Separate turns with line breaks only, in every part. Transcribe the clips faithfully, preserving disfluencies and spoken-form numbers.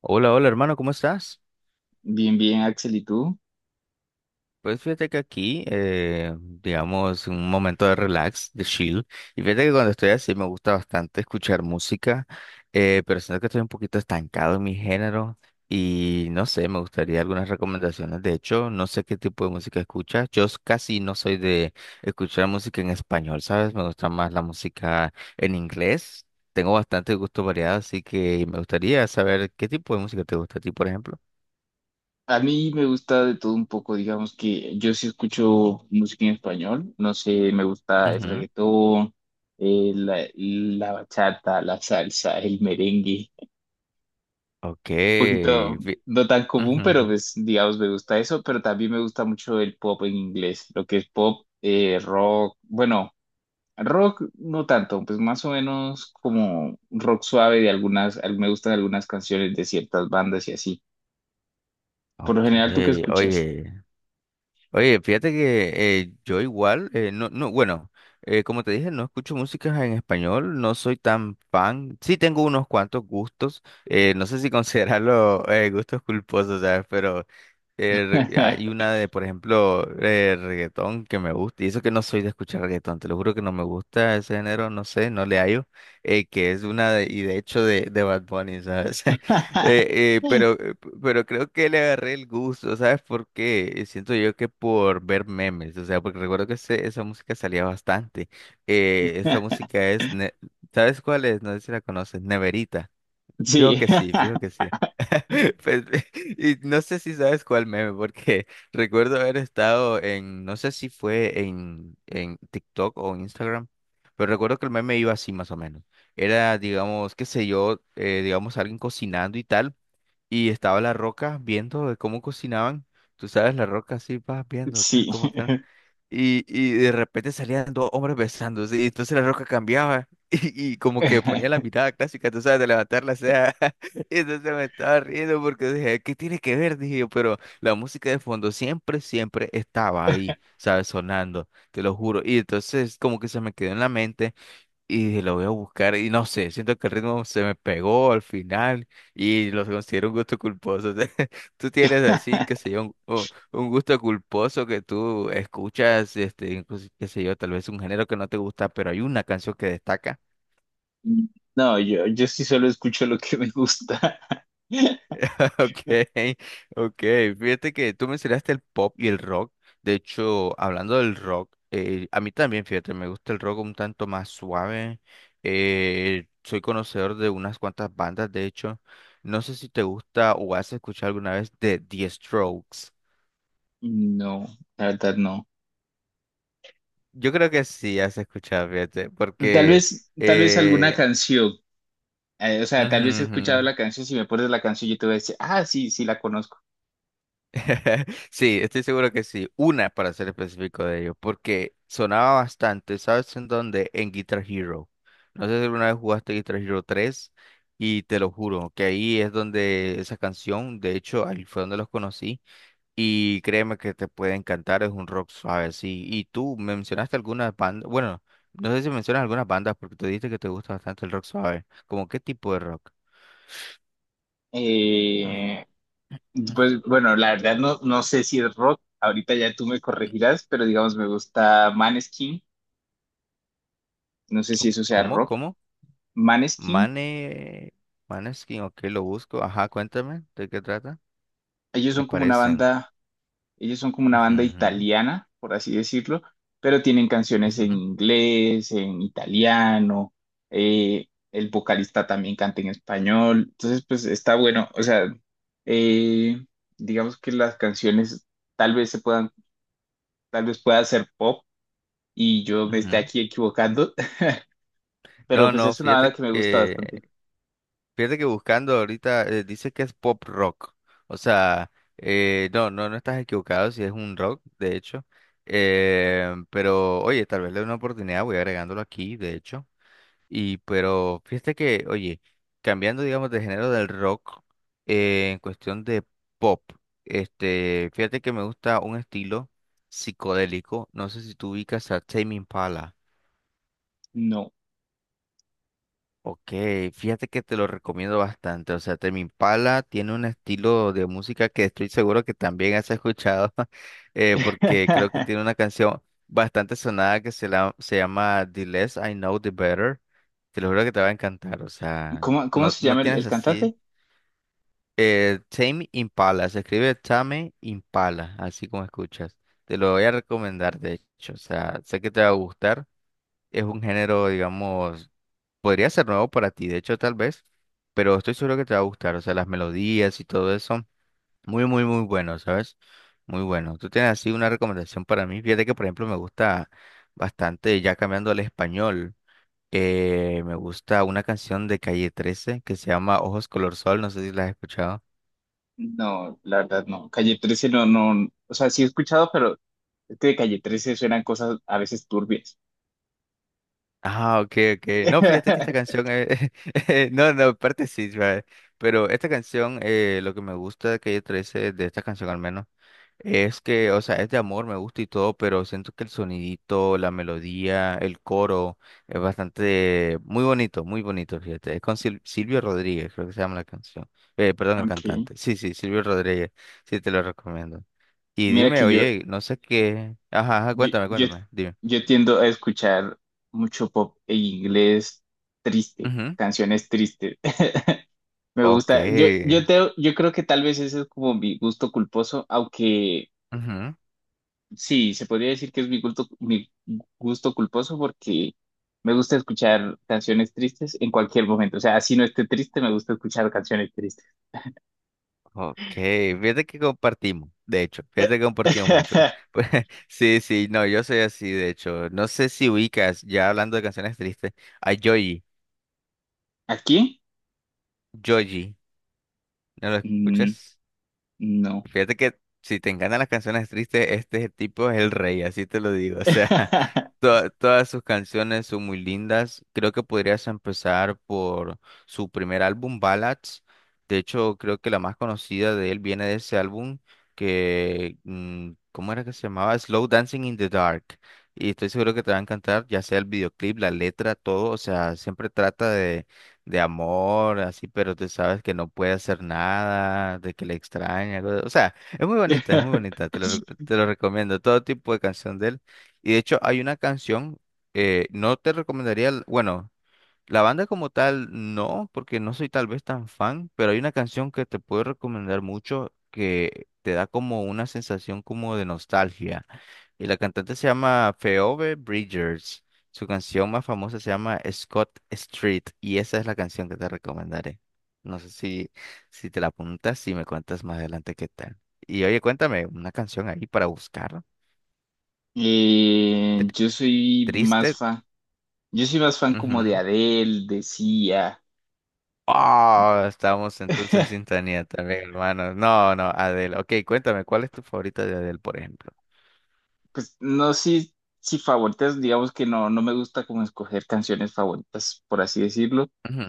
Hola, hola hermano, ¿cómo estás?
Bien, bien, Axel, ¿y tú?
Pues fíjate que aquí, eh, digamos, un momento de relax, de chill. Y fíjate que cuando estoy así me gusta bastante escuchar música, eh, pero siento que estoy un poquito estancado en mi género y no sé, me gustaría algunas recomendaciones. De hecho, no sé qué tipo de música escuchas. Yo s- casi no soy de escuchar música en español, ¿sabes? Me gusta más la música en inglés. Tengo bastante gusto variado, así que me gustaría saber qué tipo de música te gusta a ti, por ejemplo.
A mí me gusta de todo un poco, digamos que yo sí escucho música en español, no sé, me gusta el reggaetón, eh, la, la bachata, la salsa, el merengue,
Ok.
un poquito
fi-
no tan
Ujú,
común, pero
ujú.
pues digamos me gusta eso, pero también me gusta mucho el pop en inglés, lo que es pop, eh, rock, bueno, rock no tanto, pues más o menos como rock suave de algunas, al- me gustan algunas canciones de ciertas bandas y así. Por
Ok,
lo general, ¿tú qué escuchas?
oye, oye, fíjate que eh, yo igual, eh, no, no, bueno, eh, como te dije, no escucho música en español, no soy tan fan, sí tengo unos cuantos gustos, eh, no sé si considerarlo eh, gustos culposos, ¿sabes? Eh, re- hay una de, por ejemplo, eh, reggaetón que me gusta, y eso que no soy de escuchar reggaetón, te lo juro que no me gusta ese género, no sé, no le hallo, eh, que es una de, y de hecho de, de Bad Bunny, ¿sabes? Eh, eh, pero, eh, p- pero creo que le agarré el gusto, ¿sabes por qué? Eh, Siento yo que por ver memes, o sea, porque recuerdo que ese- esa música salía bastante. Eh, esta música es, ne- ¿sabes cuál es? No sé si la conoces, Neverita. Fijo
Sí,
que sí, fijo que sí. Pues, y no sé si sabes cuál meme, porque recuerdo haber estado en, no sé si fue en, en TikTok o en Instagram, pero recuerdo que el meme iba así más o menos. Era, digamos, qué sé yo, eh, digamos, alguien cocinando y tal, y estaba La Roca viendo de cómo cocinaban. Tú sabes, La Roca así, vas viendo,
sí.
tal, cómo tal. Y, y de repente salían dos hombres besándose, y entonces la roca cambiaba, y, y como que ponía la mirada clásica, tú sabes, de levantar la ceja, y entonces me estaba riendo porque dije, ¿qué tiene que ver? Dije yo, pero la música de fondo siempre, siempre estaba ahí, ¿sabes? Sonando, te lo juro, y entonces como que se me quedó en la mente, y dije, lo voy a buscar y no sé, siento que el ritmo se me pegó al final y lo considero un gusto culposo. Tú tienes así, qué sé yo, un, un- un gusto culposo que tú escuchas, este, incluso, qué sé yo, tal vez un género que no te gusta, pero hay una canción que destaca.
No, yo, yo sí solo escucho lo que me gusta.
Ok, ok. Fíjate que tú mencionaste el pop y el rock. De hecho, hablando del rock, eh, a mí también, fíjate, me gusta el rock un tanto más suave. Eh, soy conocedor de unas cuantas bandas, de hecho. No sé si te gusta o has escuchado alguna vez de The Strokes.
No, la verdad no.
Yo creo que sí has escuchado, fíjate,
Tal
porque...
vez, tal vez alguna
eh,
canción. Eh, o sea, tal
ujú,
vez he escuchado
ujú.
la canción. Si me pones la canción, yo te voy a decir, ah, sí, sí la conozco.
Sí, estoy seguro que sí. Una para ser específico de ello, porque sonaba bastante, ¿sabes en dónde? En Guitar Hero. No sé si alguna vez jugaste Guitar Hero tres y te lo juro que ahí es donde esa canción, de hecho, ahí fue donde los conocí y créeme que te puede encantar, es un rock suave, sí. Y tú mencionaste algunas bandas, bueno, no sé si mencionas algunas bandas porque tú dijiste que te gusta bastante el rock suave. ¿Cómo qué tipo de rock?
Eh, pues bueno, la verdad no, no sé si es rock. Ahorita ya tú me corregirás, pero digamos me gusta Maneskin. No sé si eso sea
¿Cómo?
rock.
¿Cómo?
Maneskin.
Mane, Maneskin, ok, lo busco. Ajá, cuéntame, ¿de qué trata?
Ellos
Me
son como una
parecen.
banda, ellos son como una banda
Ujú,
italiana, por así decirlo, pero tienen canciones
ujú,
en
ujú,
inglés, en italiano, eh, el vocalista también canta en español, entonces pues está bueno, o sea, eh, digamos que las canciones tal vez se puedan, tal vez pueda ser pop y yo me esté
ujú.
aquí equivocando, pero
No,
pues
no,
es una banda
fíjate
que me gusta
que,
bastante.
fíjate que buscando ahorita eh, dice que es pop rock. O sea, eh, no, no, no estás equivocado si es un rock, de hecho. Eh, pero, oye, tal vez le dé una oportunidad, voy agregándolo aquí, de hecho. Y pero fíjate que, oye, cambiando digamos de género del rock, eh, en cuestión de pop, este, fíjate que me gusta un estilo psicodélico, no sé si tú ubicas a Tame Impala.
No.
Ok, fíjate que te lo recomiendo bastante. O sea, Tame Impala tiene un estilo de música que estoy seguro que también has escuchado, eh, porque creo que tiene una canción bastante sonada que se, la, se llama The Less I Know, The Better. Te lo juro que te va a encantar. O sea,
¿Cómo, cómo
no,
se
no
llama el
tienes
el
así.
cantante?
Eh, Tame Impala, se escribe Tame Impala, así como escuchas. Te lo voy a recomendar, de hecho. O sea, sé que te va a gustar. Es un género, digamos. Podría ser nuevo para ti, de hecho, tal vez, pero estoy seguro que te va a gustar. O sea, las melodías y todo eso, muy, muy, muy bueno, ¿sabes? Muy bueno. Tú tienes así una recomendación para mí. Fíjate que, por ejemplo, me gusta bastante, ya cambiando al español, eh, me gusta una canción de Calle trece que se llama Ojos Color Sol. No sé si la has escuchado.
No, la verdad no. Calle trece no, no, o sea, sí he escuchado, pero es que de Calle trece suenan cosas a veces turbias.
Ah, ok, ok. No, fíjate que esta canción es... No, no, aparte sí, ¿sabes? Pero esta canción, eh, lo que me gusta de Calle trece de esta canción al menos. Es que, o sea, es de amor, me gusta y todo, pero siento que el sonidito, la melodía, el coro es bastante, muy bonito, muy bonito, fíjate. Es con Sil- Silvio Rodríguez, creo que se llama la canción. Eh, perdón, el
Ok.
cantante. Sí, sí, Silvio Rodríguez. Sí, te lo recomiendo. Y
Mira
dime,
que yo,
oye, no sé qué. Ajá, ajá,
yo,
cuéntame,
yo,
cuéntame, dime.
yo tiendo a escuchar mucho pop en inglés triste,
Ujú.
canciones tristes. Me
Ok.
gusta, yo, yo, te, yo creo que tal vez ese es como mi gusto culposo, aunque
Ujú.
sí, se podría decir que es mi gusto, mi gusto culposo porque me gusta escuchar canciones tristes en cualquier momento. O sea, así no esté triste, me gusta escuchar canciones tristes.
Ok, fíjate que compartimos, de hecho, fíjate que compartimos mucho. Pues, sí, sí, no, yo soy así, de hecho. No sé si ubicas, ya hablando de canciones tristes, a Joji,
¿Aquí?
Joji, ¿no lo
Mm,
escuchas?
no.
Fíjate que si te encantan las canciones tristes, este tipo es el rey, así te lo digo. O sea, to- todas sus canciones son muy lindas. Creo que podrías empezar por su primer álbum, Ballads. De hecho, creo que la más conocida de él viene de ese álbum que, mm, ¿cómo era que se llamaba? Slow Dancing in the Dark. Y estoy seguro que te va a encantar, ya sea el videoclip, la letra, todo. O sea, siempre trata de amor, así, pero tú sabes que no puede hacer nada, de que le extraña, algo de- o sea, es muy bonita, es muy bonita, te lo, re- te lo recomiendo, todo tipo de canción de él. Y de hecho hay una canción, eh, no te recomendaría, l- bueno. La banda como tal, no, porque no soy tal vez tan fan, pero hay una canción que te puedo recomendar mucho que te da como una sensación como de nostalgia. Y la cantante se llama Phoebe Bridgers. Su canción más famosa se llama Scott Street y esa es la canción que te recomendaré. No sé si, si te la apuntas y me cuentas más adelante qué tal. Y oye, cuéntame una canción ahí para buscar.
Eh,
Tri-
yo soy más
Triste.
fan, yo soy más fan como de
Ujú.
Adele, de Sia.
Ah, estamos entonces en sintonía también, hermano. No, no, Adele. Ok, cuéntame, ¿cuál es tu favorita de Adele, por ejemplo?
Pues no sí, sí favoritas, digamos que no, no me gusta como escoger canciones favoritas, por así decirlo.
Ujú,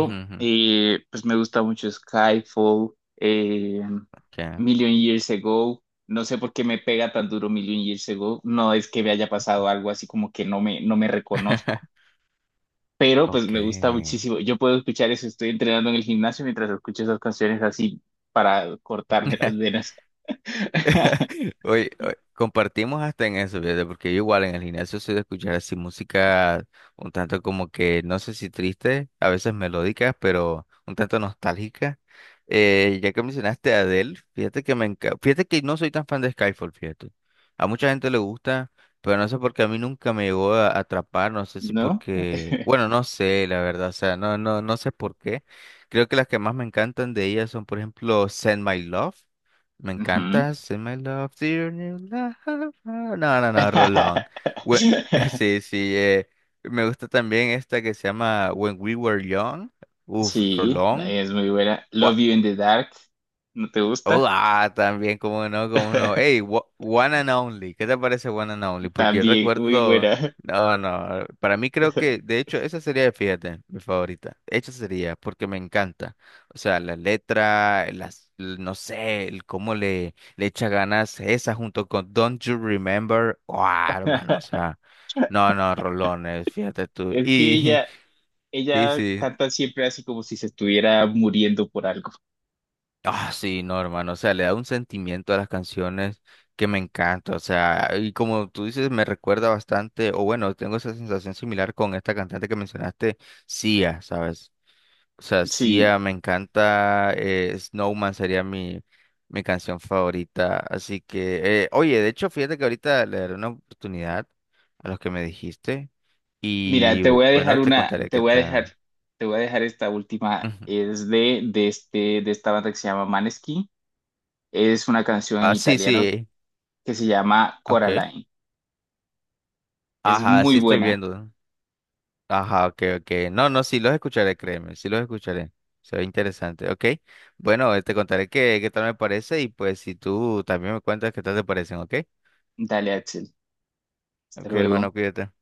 ujú, ujú.
eh, pues me gusta mucho Skyfall, eh,
Ya.
Million Years Ago. No sé por qué me pega tan duro Million Years Ago. No es que me haya pasado algo así como que no me, no me reconozco, pero pues
Ok.
me gusta muchísimo. Yo puedo escuchar eso, estoy entrenando en el gimnasio mientras escucho esas canciones así para cortarme las venas.
Oye, oye, compartimos hasta en eso, fíjate, porque yo igual en el gimnasio soy de escuchar así música un tanto como que, no sé si triste, a veces melódicas, pero un tanto nostálgicas. Eh, ya que mencionaste a Adele, fíjate que me enca- fíjate que no soy tan fan de Skyfall, fíjate. A mucha gente le gusta, pero no sé por qué a mí nunca me llegó a a atrapar, no sé si
¿No?
porque, bueno, no sé, la verdad, o sea, no, no, no sé por qué. Creo que las que más me encantan de ellas son, por ejemplo, Send My Love. Me
Ujú.
encanta Send My Love, Dear New Love. No, no, no, Rolón. Bue- Sí, sí, eh, me gusta también esta que se llama When We Were Young. Uf,
Sí,
Rolón.
es muy buena. Love You in the Dark, ¿no te gusta?
Oh, ah, también, cómo no, cómo no. Hey, wa- One and Only, ¿qué te parece One and Only? Porque yo
También, muy
recuerdo,
buena.
no, no, para mí creo que, de hecho, esa sería, fíjate, mi favorita. Esa sería, porque me encanta. O sea, la letra, las, l- no sé, el cómo le, le echa ganas esa junto con Don't You Remember. Oh, hermano, o sea, no, no, rolones, fíjate tú.
Es que
Y
ella,
sí,
ella
sí,
canta siempre así como si se estuviera muriendo por algo.
Ah, sí, no, hermano, o sea, le da un sentimiento a las canciones que me encanta, o sea, y como tú dices, me recuerda bastante, o bueno, tengo esa sensación similar con esta cantante que mencionaste, Sia, ¿sabes? O sea,
Sí,
Sia me encanta, eh, Snowman sería mi, mi canción favorita, así que, eh, oye, de hecho, fíjate que ahorita le daré una oportunidad a los que me dijiste,
mira,
y
te voy a dejar
bueno, te
una,
contaré
te
qué
voy a
tal.
dejar, te voy a dejar esta última.
Ujú.
Es de, de este, de esta banda que se llama Maneskin. Es una canción en
Ah, sí,
italiano
sí,
que se llama
ok.
Coraline. Es
Ajá,
muy
sí estoy
buena.
viendo. Ajá, ok, ok. No, no, sí los escucharé, créeme, sí los escucharé. Se ve interesante, ok. Bueno, eh, te contaré qué, qué tal me parece y pues si tú también me cuentas qué tal te parecen, ok.
Dale, Axel. Hasta
Ok,
luego.
hermano, cuídate.